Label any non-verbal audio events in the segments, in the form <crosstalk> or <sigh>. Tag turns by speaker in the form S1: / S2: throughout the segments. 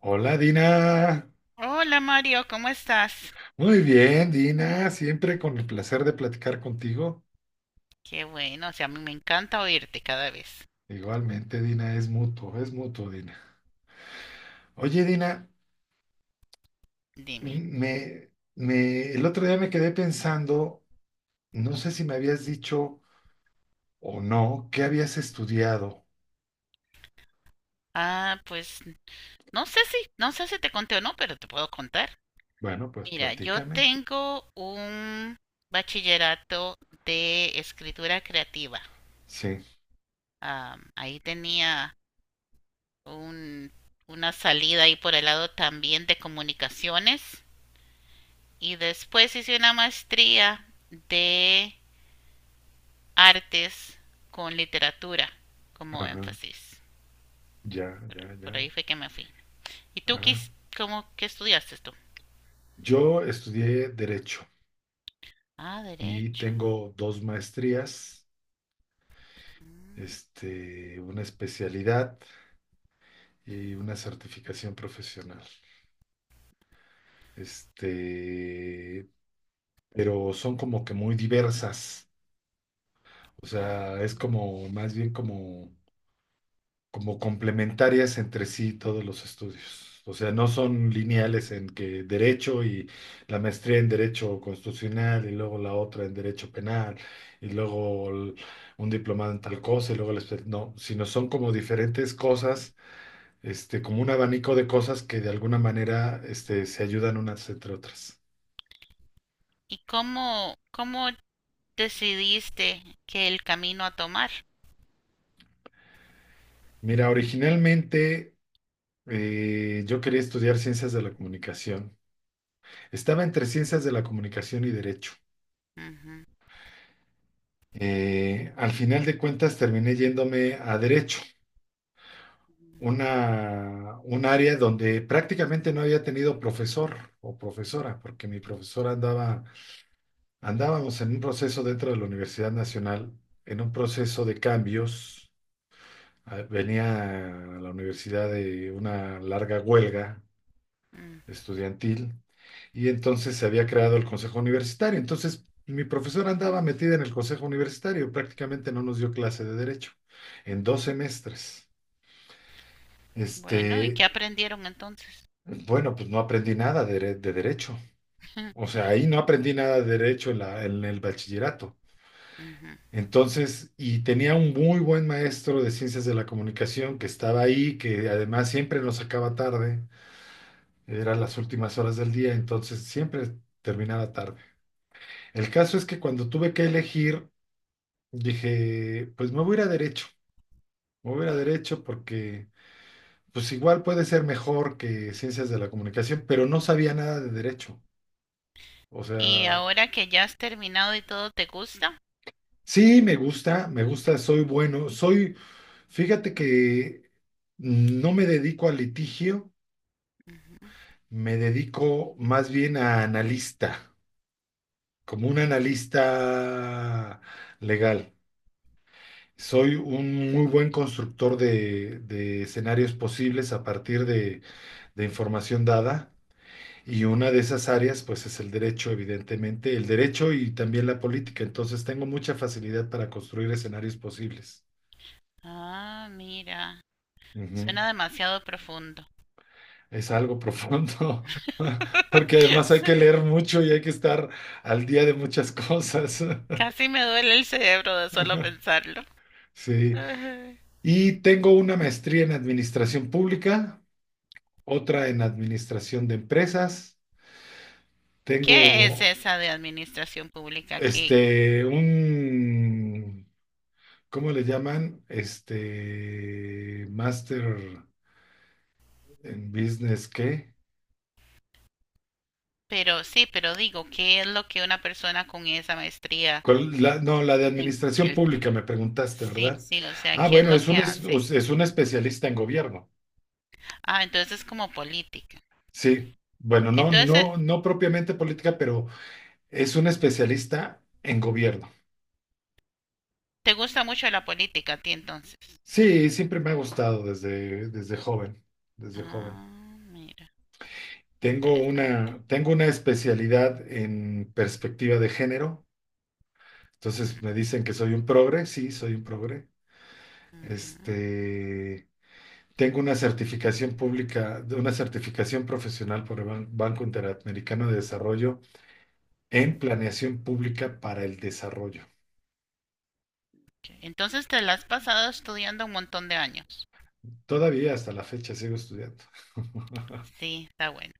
S1: Hola Dina,
S2: Hola Mario, ¿cómo estás?
S1: muy bien Dina, siempre con el placer de platicar contigo.
S2: Qué bueno, o sea, a mí me encanta oírte cada vez.
S1: Igualmente Dina, es mutuo Dina. Oye Dina,
S2: Dime.
S1: el otro día me quedé pensando, no sé si me habías dicho o no, ¿qué habías estudiado?
S2: Ah, pues no sé si te conté o no, pero te puedo contar.
S1: Bueno, pues
S2: Mira, yo
S1: platícame.
S2: tengo un bachillerato de escritura creativa.
S1: Sí,
S2: Ah, ahí tenía un, una salida ahí por el lado también de comunicaciones y después hice una maestría de artes con literatura como
S1: ajá,
S2: énfasis.
S1: ya,
S2: Por,
S1: ya,
S2: por
S1: ya.
S2: ahí fue que me fui. ¿Y tú
S1: Ajá.
S2: qué estudiaste tú?
S1: Yo estudié Derecho
S2: Ah,
S1: y
S2: derecho.
S1: tengo dos maestrías, una especialidad y una certificación profesional. Este, pero son como que muy diversas. O
S2: Ah.
S1: sea, es como más bien como, como complementarias entre sí todos los estudios. O sea, no son lineales en que derecho y la maestría en derecho constitucional y luego la otra en derecho penal y luego un diplomado en tal cosa y luego no, sino son como diferentes cosas, como un abanico de cosas que de alguna manera, se ayudan unas entre otras.
S2: ¿Y cómo decidiste que el camino a tomar?
S1: Mira, originalmente, yo quería estudiar ciencias de la comunicación. Estaba entre ciencias de la comunicación y derecho.
S2: Ujú,
S1: Al final de cuentas terminé yéndome a derecho, un área donde prácticamente no había tenido profesor o profesora, porque mi profesora andaba, andábamos en un proceso dentro de la Universidad Nacional, en un proceso de cambios. Ah, venía a la universidad de una larga huelga
S2: mm.
S1: estudiantil y entonces se había creado el consejo universitario. Entonces mi profesora andaba metida en el consejo universitario, prácticamente no nos dio clase de derecho en dos semestres.
S2: Bueno, ¿y
S1: Este,
S2: qué aprendieron entonces?
S1: bueno, pues no aprendí nada de, de derecho. O
S2: <laughs>
S1: sea, ahí no aprendí nada de derecho en en el bachillerato.
S2: Ujú.
S1: Entonces, y tenía un muy buen maestro de ciencias de la comunicación que estaba ahí, que además siempre nos sacaba tarde. Eran las últimas horas del día, entonces siempre terminaba tarde. El caso es que cuando tuve que elegir, dije, pues me voy a ir a derecho, me voy a ir a derecho porque pues igual puede ser mejor que ciencias de la comunicación, pero no sabía nada de derecho. O
S2: ¿Y
S1: sea,
S2: ahora que ya has terminado y todo te gusta?
S1: sí, me gusta, soy bueno, soy, fíjate que no me dedico al litigio,
S2: Ujú.
S1: me dedico más bien a analista, como un analista legal. Soy un muy buen constructor de escenarios posibles a partir de información dada y una de esas áreas pues es el derecho, evidentemente, el derecho y también la política. Entonces tengo mucha facilidad para construir escenarios posibles.
S2: Ah, mira,
S1: Ujú.
S2: suena demasiado profundo.
S1: Es algo profundo <laughs> porque además hay que
S2: <laughs>
S1: leer mucho y hay que estar al día de muchas cosas. <laughs>
S2: Casi me duele el cerebro de solo pensarlo.
S1: Sí.
S2: Ajá.
S1: Y tengo una maestría en administración pública, otra en administración de empresas. Tengo
S2: ¿Qué es esa de administración pública? ¿Qué?
S1: un, ¿cómo le llaman? Master en Business, ¿qué?
S2: Pero sí, pero digo, ¿qué es lo que una persona con esa maestría
S1: ¿Cuál? No, la de
S2: en
S1: administración
S2: el
S1: pública me preguntaste,
S2: Sí,
S1: ¿verdad?
S2: sí, o sea,
S1: Ah,
S2: ¿qué es
S1: bueno,
S2: lo que hace?
S1: es un especialista en gobierno.
S2: Ah, entonces es como política.
S1: Sí. Bueno, no,
S2: Entonces,
S1: no, no propiamente política, pero es un especialista en gobierno.
S2: ¿te gusta mucho la política a ti entonces?
S1: Sí, siempre me ha gustado desde, desde joven, desde joven.
S2: Ah, mira, interesante.
S1: Tengo una especialidad en perspectiva de género.
S2: Ujú,
S1: Entonces me dicen que soy un progre, sí, soy un progre.
S2: ujú.
S1: Este, tengo una certificación pública, de una certificación profesional por el Banco Interamericano de Desarrollo en planeación pública para el desarrollo.
S2: Ok. Entonces te la has pasado estudiando un montón de años.
S1: Todavía hasta la fecha sigo estudiando. <laughs>
S2: Sí, está bueno.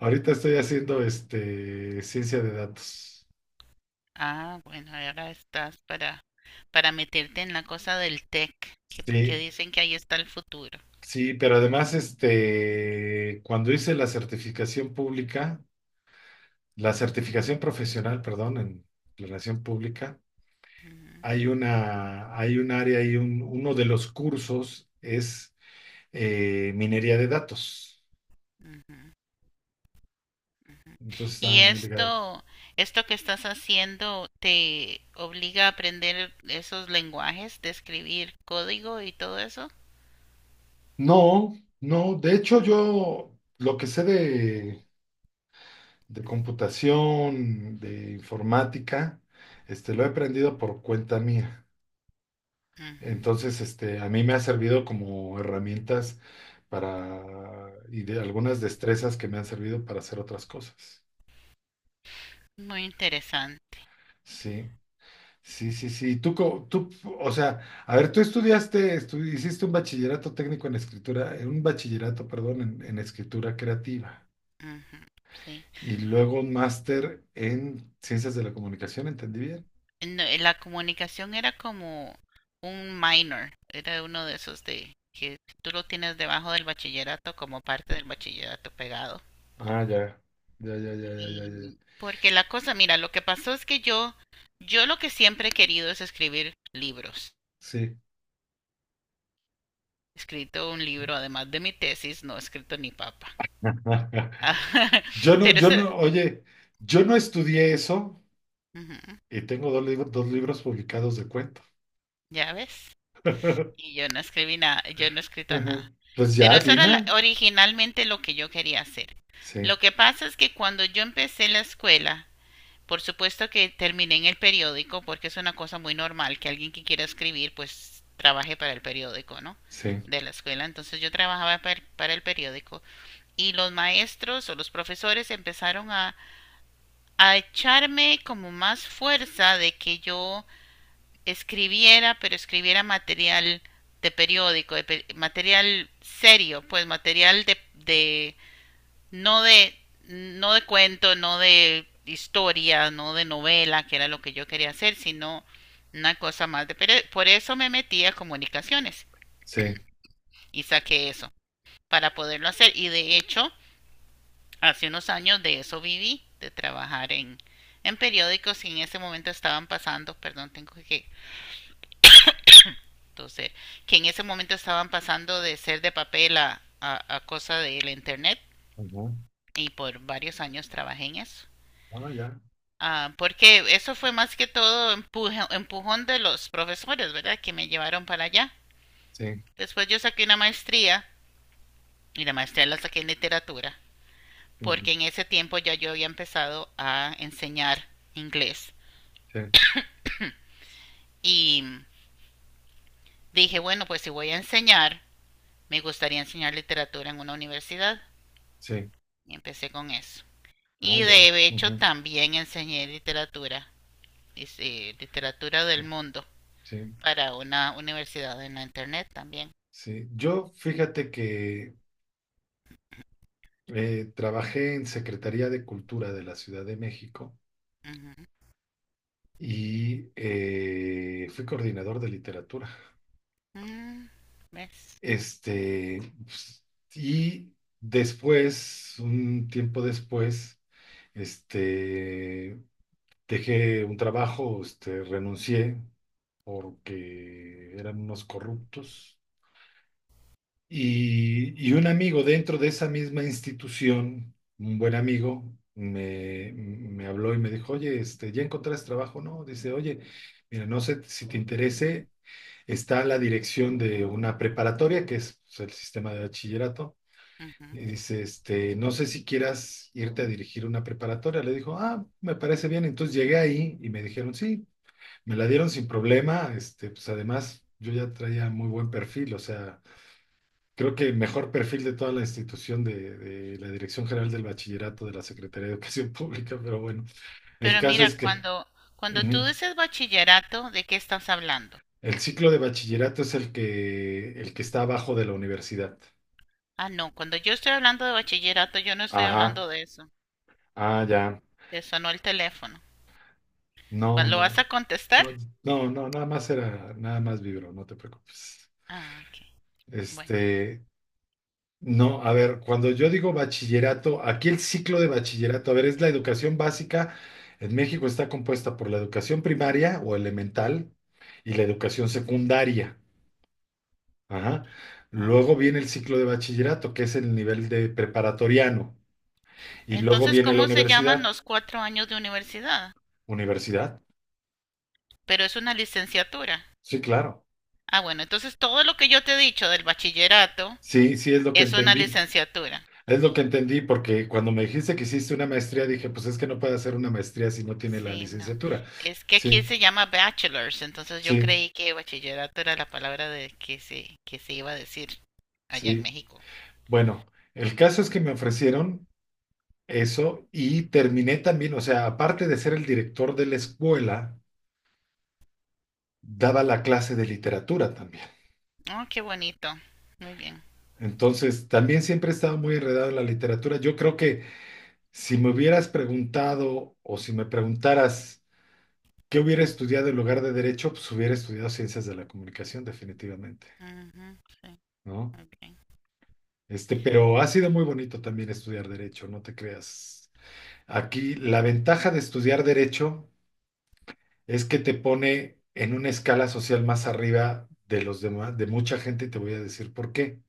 S1: Ahorita estoy haciendo, ciencia de datos.
S2: Ah, bueno, ahora estás para meterte en la cosa del tech, que, que
S1: Sí.
S2: dicen que ahí está el futuro.
S1: Sí, pero además, cuando hice la certificación pública, la certificación profesional, perdón, en relación pública,
S2: Ujú,
S1: hay una, hay un área y un, uno de los cursos es, minería de datos.
S2: ujú, ujú.
S1: Entonces
S2: Y
S1: están muy ligados.
S2: esto que estás haciendo te obliga a aprender esos lenguajes de escribir código y todo eso.
S1: No, no, de hecho yo lo que sé de computación, de informática, lo he aprendido por cuenta mía.
S2: Ujú,
S1: Entonces, a mí me ha servido como herramientas para, y de algunas destrezas que me han servido para hacer otras cosas.
S2: muy interesante.
S1: Sí, sí, sí, sí. Tú, tú, o sea, a ver, tú estudiaste, hiciste un bachillerato técnico en escritura, un bachillerato, perdón, en escritura creativa
S2: Ujú, sí.
S1: y luego un máster en ciencias de la comunicación, ¿entendí bien?
S2: No, la comunicación era como un minor, era uno de esos de que tú lo tienes debajo del bachillerato como parte del bachillerato pegado.
S1: Ah, ya, ya, ya, ya, ya, ya, ya, ya.
S2: Y porque la cosa, mira, lo que pasó es que yo lo que siempre he querido es escribir libros.
S1: Sí.
S2: He escrito un libro, además de mi tesis, no he escrito ni papa.
S1: <laughs>
S2: <laughs>
S1: Yo no,
S2: Pero
S1: yo
S2: eso era-
S1: no, oye, yo no estudié eso.
S2: Ujú,
S1: Y tengo dos libros publicados de cuento.
S2: ya ves.
S1: <laughs>
S2: Y yo no escribí nada, yo no he escrito
S1: Ujú.
S2: nada.
S1: Pues
S2: Pero
S1: ya,
S2: eso
S1: Dina.
S2: originalmente lo que yo quería hacer.
S1: Sí,
S2: Lo que pasa es que cuando yo empecé la escuela, por supuesto que terminé en el periódico porque es una cosa muy normal que alguien que quiera escribir pues trabaje para el periódico, ¿no?
S1: sí,
S2: De la escuela. Entonces yo trabajaba para el periódico y los maestros o los profesores empezaron a echarme como más fuerza de que yo escribiera, pero escribiera material de periódico, de material serio, pues material de no no de cuento, no de historia, no de novela, que era lo que yo quería hacer, sino una cosa más de... Pero por eso me metí a comunicaciones
S1: sí.
S2: y saqué eso, para poderlo hacer. Y de hecho, hace unos años de eso viví, de trabajar en periódicos y en ese momento estaban pasando, perdón, tengo que toser, que en ese momento estaban pasando de ser de papel a cosa del internet
S1: Ujú.
S2: y por varios años trabajé en eso.
S1: Ah, ya.
S2: Ah, porque eso fue más que todo empujón de los profesores, ¿verdad? Que me llevaron para allá.
S1: Sí,
S2: Después yo saqué una maestría y la maestría la saqué en literatura,
S1: ujú,
S2: porque en ese tiempo ya yo había empezado a enseñar inglés.
S1: sí,
S2: Y dije, bueno, pues si voy a enseñar, me gustaría enseñar literatura en una universidad.
S1: sí.
S2: Y empecé con eso.
S1: Ah,
S2: Y
S1: ya.
S2: de hecho
S1: Ujú,
S2: también enseñé literatura, dice, literatura
S1: sí,
S2: del mundo,
S1: sí,
S2: para una universidad en la internet también.
S1: sí. Yo, fíjate que, trabajé en Secretaría de Cultura de la Ciudad de México
S2: Ujú.
S1: y, fui coordinador de literatura.
S2: Mm, ¿ves?
S1: Pues, y después, un tiempo después, este, dejé un trabajo, renuncié porque eran unos corruptos. Y un amigo dentro de esa misma institución, un buen amigo, me habló y me dijo, oye, ¿ya encontraste trabajo? No, dice, oye, mira, no sé si te interese, está la dirección de una preparatoria, que es pues, el sistema de bachillerato,
S2: Ujú.
S1: y dice, no sé si quieras irte a dirigir una preparatoria. Le dijo, ah, me parece bien. Entonces llegué ahí y me dijeron, sí, me la dieron sin problema. Pues además yo ya traía muy buen perfil, o sea, creo que el mejor perfil de toda la institución de la Dirección General del Bachillerato de la Secretaría de Educación <laughs> Pública, pero bueno, el
S2: Pero
S1: caso
S2: mira,
S1: es que
S2: cuando tú
S1: ujú,
S2: dices bachillerato, ¿de qué estás hablando?
S1: el ciclo de bachillerato es el que está abajo de la universidad.
S2: Ah, no, cuando yo estoy hablando de bachillerato, yo no estoy
S1: Ajá,
S2: hablando de eso.
S1: ah, ya.
S2: Te sonó el teléfono.
S1: No,
S2: ¿Lo
S1: no,
S2: vas
S1: no.
S2: a contestar?
S1: No, no, no, nada más era, nada más vibro, no te preocupes.
S2: Ah, ok. Bueno.
S1: Este, no, a ver, cuando yo digo bachillerato, aquí el ciclo de bachillerato, a ver, es la educación básica. En México está compuesta por la educación primaria o elemental y la educación secundaria. Ajá.
S2: Ah,
S1: Luego viene el ciclo de bachillerato, que es el nivel de preparatoriano. Y luego
S2: entonces,
S1: viene la
S2: ¿cómo se llaman
S1: universidad.
S2: los cuatro años de universidad?
S1: ¿Universidad?
S2: Pero es una licenciatura.
S1: Sí, claro.
S2: Ah, bueno, entonces todo lo que yo te he dicho del bachillerato
S1: Sí, sí es lo que
S2: es una
S1: entendí.
S2: licenciatura.
S1: Es lo que entendí, porque cuando me dijiste que hiciste una maestría, dije, pues es que no puede hacer una maestría si no tiene la
S2: Sí, no.
S1: licenciatura.
S2: Es que aquí
S1: Sí,
S2: se llama bachelors, entonces yo
S1: sí,
S2: creí que bachillerato era la palabra de que se iba a decir allá en
S1: sí.
S2: México.
S1: Bueno, el caso es que me ofrecieron eso y terminé también, o sea, aparte de ser el director de la escuela, daba la clase de literatura también.
S2: Oh, qué bonito. Muy bien.
S1: Entonces, también siempre he estado muy enredado en la literatura. Yo creo que si me hubieras preguntado o si me preguntaras qué hubiera estudiado en lugar de derecho, pues hubiera estudiado ciencias de la comunicación, definitivamente.
S2: Ujú, sí,
S1: ¿No?
S2: muy bien.
S1: Pero ha sido muy bonito también estudiar derecho, no te creas. Aquí la ventaja de estudiar derecho es que te pone en una escala social más arriba de los demás, de mucha gente, y te voy a decir por qué.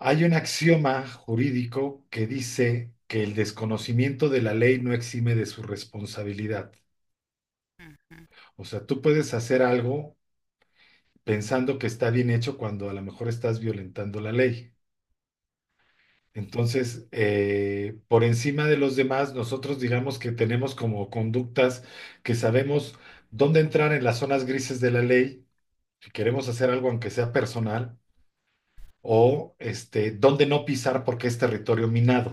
S1: Hay un axioma jurídico que dice que el desconocimiento de la ley no exime de su responsabilidad.
S2: Ujú.
S1: O sea, tú puedes hacer algo pensando que está bien hecho cuando a lo mejor estás violentando la ley. Entonces, por encima de los demás, nosotros digamos que tenemos como conductas que sabemos dónde entrar en las zonas grises de la ley, si queremos hacer algo aunque sea personal, o dónde no pisar porque es territorio minado.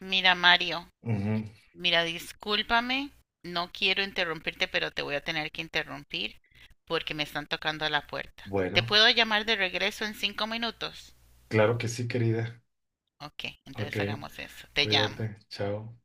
S2: Mira, Mario,
S1: Ujú.
S2: mira, discúlpame, no quiero interrumpirte, pero te voy a tener que interrumpir porque me están tocando a la puerta. ¿Te
S1: Bueno,
S2: puedo llamar de regreso en 5 minutos?
S1: claro que sí, querida.
S2: Ok,
S1: Ok,
S2: entonces hagamos eso. Te llamo.
S1: cuídate, chao.